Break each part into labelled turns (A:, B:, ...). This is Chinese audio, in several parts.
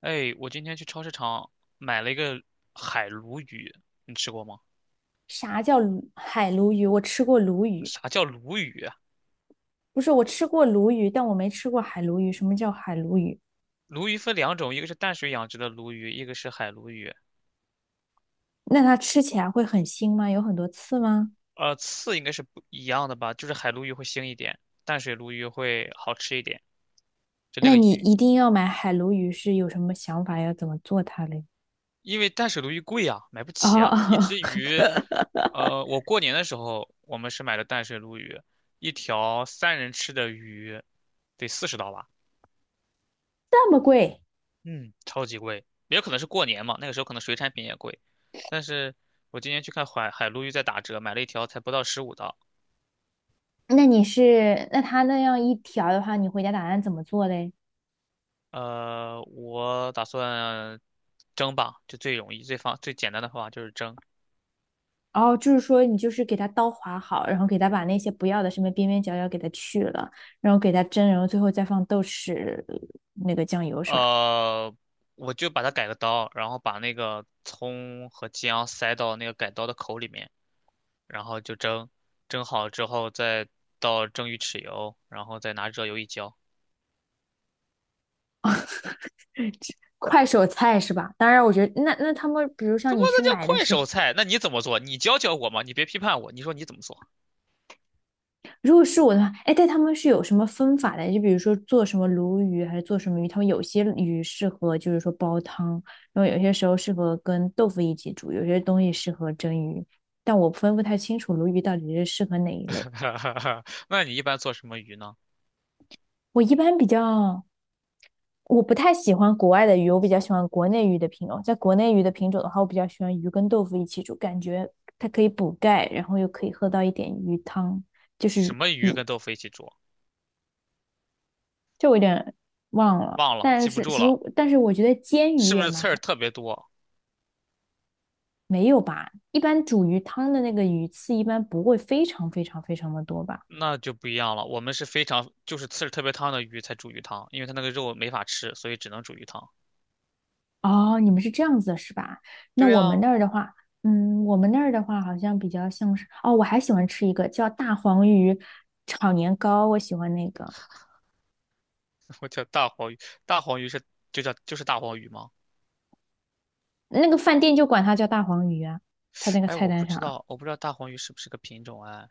A: 哎，我今天去超市场买了一个海鲈鱼，你吃过吗？
B: 啥叫海鲈鱼？
A: 啥叫鲈鱼啊？
B: 我吃过鲈鱼，但我没吃过海鲈鱼。什么叫海鲈鱼？
A: 鲈鱼分两种，一个是淡水养殖的鲈鱼，一个是海鲈鱼。
B: 那它吃起来会很腥吗？有很多刺吗？
A: 刺应该是不一样的吧？就是海鲈鱼会腥一点，淡水鲈鱼会好吃一点。就那
B: 那
A: 个
B: 你
A: 鱼，
B: 一定要买海鲈鱼，是有什么想法？要怎么做它嘞？
A: 因为淡水鲈鱼贵啊，买不
B: 哦，
A: 起啊。一
B: 哦
A: 只鱼，我过年的时候我们是买的淡水鲈鱼，一条3人吃的鱼得40刀吧。
B: 这么贵？
A: 嗯，超级贵，也有可能是过年嘛，那个时候可能水产品也贵。但是我今年去看海鲈鱼在打折，买了一条才不到15刀。
B: 那你是，那它那样一条的话，你回家打算怎么做嘞？
A: 我打算蒸吧，就最容易、最简单的方法就是蒸。
B: 哦，就是说你就是给它刀划好，然后给它把那些不要的什么边边角角给它去了，然后给它蒸，然后最后再放豆豉那个酱油是吧？
A: 呃，我就把它改个刀，然后把那个葱和姜塞到那个改刀的口里面，然后就蒸。蒸好之后再倒蒸鱼豉油，然后再拿热油一浇。
B: 快手菜是吧？当然，我觉得那他们，比如像
A: 怎么
B: 你去
A: 那叫
B: 买的
A: 快
B: 时候，
A: 手菜？那你怎么做？你教教我嘛！你别批判我，你说你怎么做？
B: 如果是我的话，哎，但他们是有什么分法的？就比如说做什么鲈鱼还是做什么鱼，他们有些鱼适合就是说煲汤，然后有些时候适合跟豆腐一起煮，有些东西适合蒸鱼，但我分不太清楚鲈鱼到底是适合哪一类。
A: 那你一般做什么鱼呢？
B: 我一般比较我不太喜欢国外的鱼，我比较喜欢国内鱼的品种。在国内鱼的品种的话，我比较喜欢鱼跟豆腐一起煮，感觉它可以补钙，然后又可以喝到一点鱼汤，就
A: 什
B: 是
A: 么鱼跟豆腐一起煮？
B: 这我有点忘了。
A: 忘了，记不住了，
B: 但是我觉得煎鱼
A: 是不
B: 也
A: 是
B: 蛮
A: 刺儿
B: 好，
A: 特别多？
B: 没有吧？一般煮鱼汤的那个鱼刺一般不会非常非常非常的多吧？
A: 那就不一样了。我们是非常就是刺儿特别烫的鱼才煮鱼汤，因为它那个肉没法吃，所以只能煮鱼汤。
B: 哦，你们是这样子是吧？那
A: 对
B: 我们
A: 啊，
B: 那儿的话，嗯，我们那儿的话好像比较像是，哦，我还喜欢吃一个叫大黄鱼炒年糕，我喜欢那个，
A: 我叫大黄鱼，大黄鱼是就叫就是大黄鱼吗？
B: 那个饭店就管它叫大黄鱼啊，它那个
A: 哎，
B: 菜
A: 我不
B: 单上
A: 知
B: 啊。
A: 道，我不知道大黄鱼是不是个品种哎。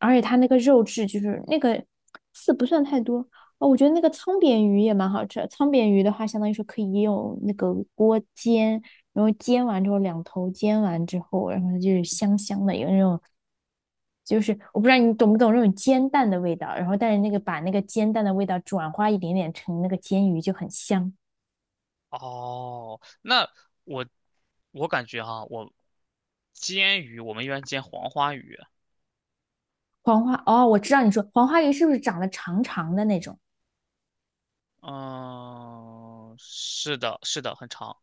B: 而且它那个肉质就是那个刺不算太多哦，我觉得那个沧扁鱼也蛮好吃的。鲳扁鱼的话，相当于说可以用那个锅煎，然后煎完之后两头煎完之后，然后它就是香香的，有那种就是我不知道你懂不懂那种煎蛋的味道，然后但是那个把那个煎蛋的味道转化一点点成那个煎鱼就很香。
A: 哦，那我我感觉哈，我煎鱼我们一般煎黄花鱼，
B: 黄花哦，我知道你说黄花鱼是不是长得长长的那种？
A: 嗯，是的，是的，很长。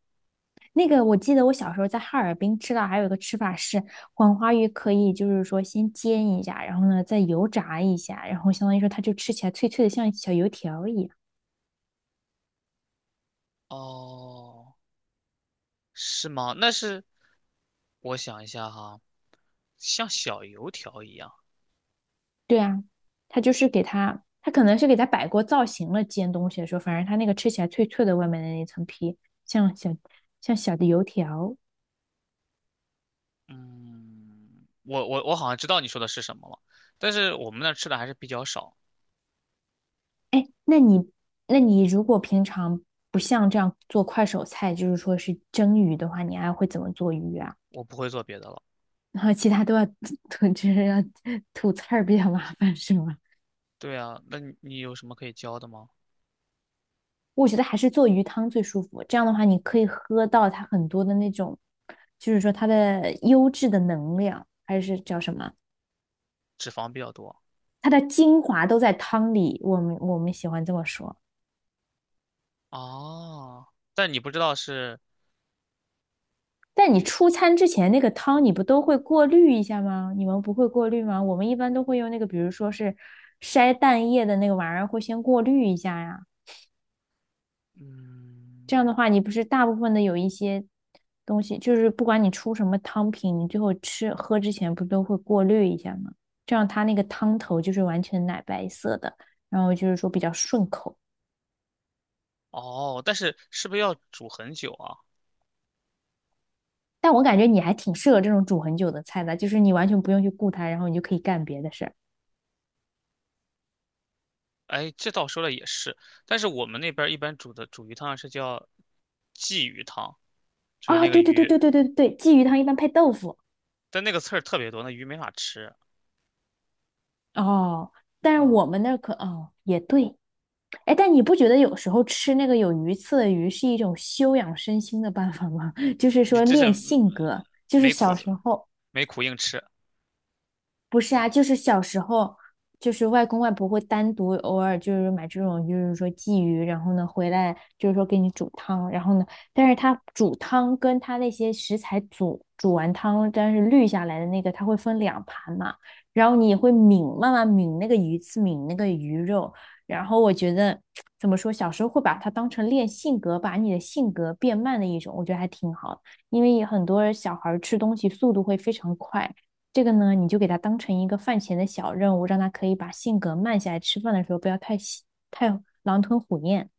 B: 那个我记得我小时候在哈尔滨吃到还有一个吃法是黄花鱼，可以就是说先煎一下，然后呢再油炸一下，然后相当于说它就吃起来脆脆的，像小油条一样。
A: 哦，是吗？那是我想一下哈，像小油条一样。
B: 对啊，它就是给它，它可能是给它摆过造型了，煎东西的时候，反正它那个吃起来脆脆的，外面的那层皮像小像小的油条。
A: 嗯，我好像知道你说的是什么了，但是我们那儿吃的还是比较少，
B: 哎，那你如果平常不像这样做快手菜，就是说是蒸鱼的话，你还会怎么做鱼啊？
A: 我不会做别的了。
B: 然后其他都要吐，就是要吐刺儿比较麻烦，是吗？
A: 对啊，那你你有什么可以教的吗？
B: 我觉得还是做鱼汤最舒服。这样的话，你可以喝到它很多的那种，就是说它的优质的能量，还是叫什么？
A: 脂肪比较多。
B: 它的精华都在汤里。我们喜欢这么说。
A: 哦，但你不知道是，
B: 但你出餐之前那个汤，你不都会过滤一下吗？你们不会过滤吗？我们一般都会用那个，比如说是筛蛋液的那个玩意儿，会先过滤一下呀。这
A: 嗯。
B: 样的话，你不是大部分的有一些东西，就是不管你出什么汤品，你最后吃喝之前不都会过滤一下吗？这样它那个汤头就是完全奶白色的，然后就是说比较顺口。
A: 哦，但是是不是要煮很久啊？
B: 但我感觉你还挺适合这种煮很久的菜的，就是你完全不用去顾它，然后你就可以干别的事儿。
A: 哎，这倒说了也是，但是我们那边儿一般煮鱼汤是叫鲫鱼汤，就是
B: 啊，
A: 那个
B: 对对对
A: 鱼，
B: 对对对对，鲫鱼汤一般配豆腐
A: 但那个刺儿特别多，那鱼没法吃。
B: 哦，但是我
A: 啊、
B: 们那儿也对，哎，但你不觉得有时候吃那个有鱼刺的鱼是一种修养身心的办法吗？就是
A: 你
B: 说
A: 这是
B: 练性格，就是
A: 没
B: 小
A: 苦
B: 时候。
A: 没苦硬吃，
B: 不是啊，就是小时候，就是外公外婆会单独偶尔就是买这种，就是说鲫鱼，然后呢回来就是说给你煮汤，然后呢，但是他煮汤跟他那些食材煮完汤，但是滤下来的那个，它会分两盘嘛，然后你也会抿，慢慢抿那个鱼刺，抿那个鱼肉，然后我觉得怎么说，小时候会把它当成练性格，把你的性格变慢的一种，我觉得还挺好的，因为很多小孩儿吃东西速度会非常快。这个呢，你就给他当成一个饭前的小任务，让他可以把性格慢下来，吃饭的时候不要太狼吞虎咽。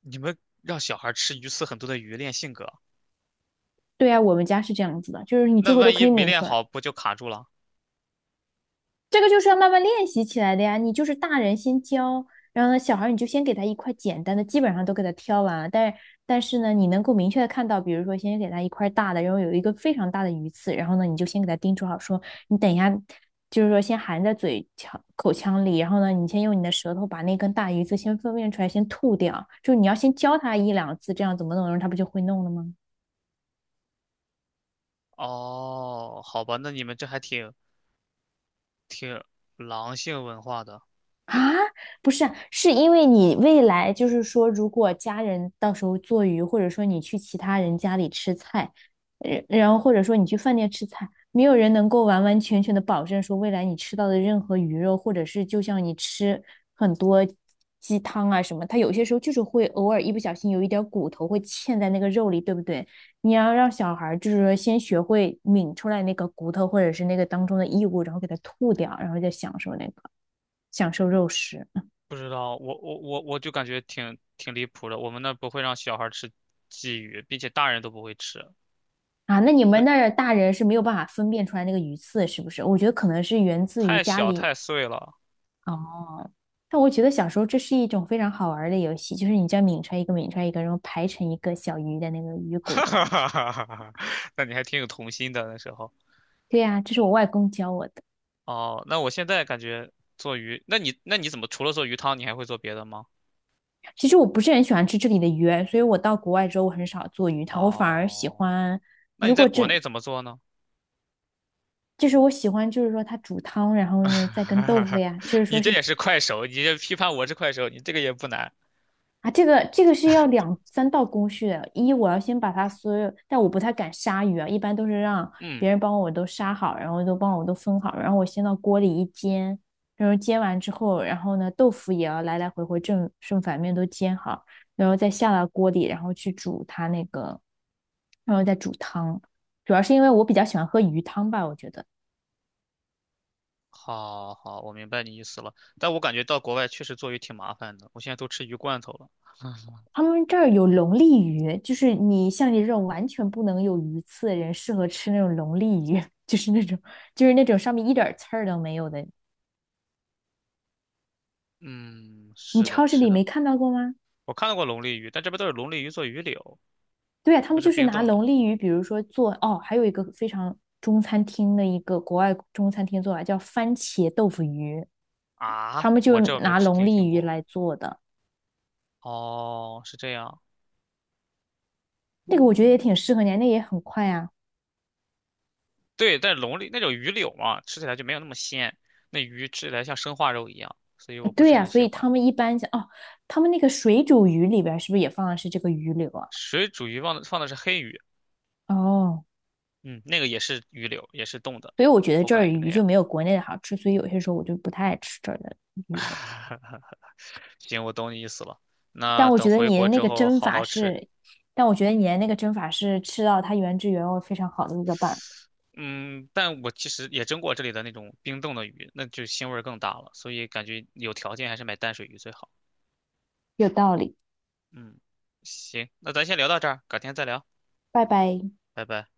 A: 你们让小孩吃鱼刺很多的鱼练性格，
B: 对啊，我们家是这样子的，就是你最
A: 那
B: 后都
A: 万
B: 可
A: 一
B: 以
A: 没
B: 抿
A: 练
B: 来。
A: 好不就卡住了？
B: 这个就是要慢慢练习起来的呀。你就是大人先教，然后呢，小孩你就先给他一块简单的，基本上都给他挑完。但是呢，你能够明确的看到，比如说先给他一块大的，然后有一个非常大的鱼刺，然后呢，你就先给他叮嘱好说，你等一下，就是说先含在嘴腔口腔里，然后呢，你先用你的舌头把那根大鱼刺先分辨出来，先吐掉。就你要先教他一两次，这样怎么弄，然后他不就会弄了吗？
A: 哦，好吧，那你们这还挺挺狼性文化的。
B: 啊，不是啊是因为你未来就是说，如果家人到时候做鱼，或者说你去其他人家里吃菜，然后或者说你去饭店吃菜，没有人能够完完全全的保证说未来你吃到的任何鱼肉，或者是就像你吃很多鸡汤啊什么，它有些时候就是会偶尔一不小心有一点儿骨头会嵌在那个肉里，对不对？你要让小孩儿就是说先学会抿出来那个骨头或者是那个当中的异物，然后给它吐掉，然后再享受那个。享受肉食
A: 不知道，我就感觉挺离谱的。我们那不会让小孩吃鲫鱼，并且大人都不会吃，
B: 啊。那你们那
A: 这
B: 儿大人是没有办法分辨出来那个鱼刺，是不是？我觉得可能是源自于
A: 太
B: 家
A: 小
B: 里
A: 太碎了。
B: 哦。但我觉得小时候这是一种非常好玩儿的游戏，就是你这样抿出来一个，抿出来一个，然后排成一个小鱼的那个鱼 骨
A: 哈
B: 的
A: 哈
B: 感觉。
A: 哈哈哈哈！那你还挺有童心的那时候。
B: 对呀、这是我外公教我的。
A: 哦，那我现在感觉做鱼，那你那你怎么除了做鱼汤，你还会做别的吗？
B: 其实我不是很喜欢吃这里的鱼，所以我到国外之后我很少做鱼汤，我反而喜
A: 哦，
B: 欢，
A: 那
B: 如
A: 你在
B: 果
A: 国
B: 真
A: 内怎么做呢？
B: 就是我喜欢，就是说它煮汤，然后呢再跟豆腐 呀，就是说
A: 你这
B: 是
A: 也是快手，你这批判我是快手，你这个也不难。
B: 啊，这个是要两三道工序的。一，我要先把它所有，但我不太敢杀鱼啊，一般都是让别
A: 嗯。
B: 人帮我都杀好，然后都帮我都分好，然后我先到锅里一煎，然后煎完之后，然后呢，豆腐也要来来回回正正反面都煎好，然后再下到锅里，然后去煮它那个，然后再煮汤。主要是因为我比较喜欢喝鱼汤吧，我觉得。
A: 好好，我明白你意思了，但我感觉到国外确实做鱼挺麻烦的，我现在都吃鱼罐头了。
B: 他们这儿有龙利鱼，就是你像你这种完全不能有鱼刺的人，适合吃那种龙利鱼，就是那种就是那种上面一点儿刺儿都没有的。
A: 嗯，
B: 你
A: 是的，
B: 超市里
A: 是
B: 没
A: 的，
B: 看到过吗？
A: 我看到过龙利鱼，但这边都是龙利鱼做鱼柳，
B: 对啊，他
A: 都
B: 们
A: 是
B: 就是
A: 冰
B: 拿
A: 冻的
B: 龙利鱼，比如说做哦，还有一个非常中餐厅的一个国外中餐厅做法叫番茄豆腐鱼，他
A: 啊，
B: 们就
A: 我这我没
B: 拿
A: 吃
B: 龙
A: 听
B: 利
A: 听
B: 鱼
A: 过。
B: 来做的，
A: 哦，是这样，
B: 那个我觉得也挺
A: 嗯，
B: 适合你啊，那也很快啊。
A: 对，但是龙利那种鱼柳嘛，吃起来就没有那么鲜，那鱼吃起来像生化肉一样，所以我不
B: 对
A: 是
B: 呀，
A: 很
B: 所
A: 喜
B: 以
A: 欢。
B: 他们一般像哦，他们那个水煮鱼里边儿是不是也放的是这个鱼柳啊？
A: 水煮鱼放的是黑鱼，
B: 哦，
A: 嗯，那个也是鱼柳，也是冻的，
B: 所以我觉得
A: 口
B: 这
A: 感
B: 儿
A: 也就那
B: 鱼就
A: 样。
B: 没有国内的好吃，所以有些时候我就不太爱吃这儿的鱼了。
A: 行，我懂你意思了。
B: 但
A: 那
B: 我
A: 等
B: 觉得
A: 回
B: 你的
A: 国
B: 那
A: 之
B: 个
A: 后
B: 蒸
A: 好
B: 法
A: 好吃。
B: 是，但我觉得你的那个蒸法是吃到它原汁原味非常好的一个办法，
A: 嗯，但我其实也蒸过这里的那种冰冻的鱼，那就腥味儿更大了，所以感觉有条件还是买淡水鱼最好。
B: 有道理。
A: 嗯，行，那咱先聊到这儿，改天再聊，
B: 拜拜。
A: 拜拜。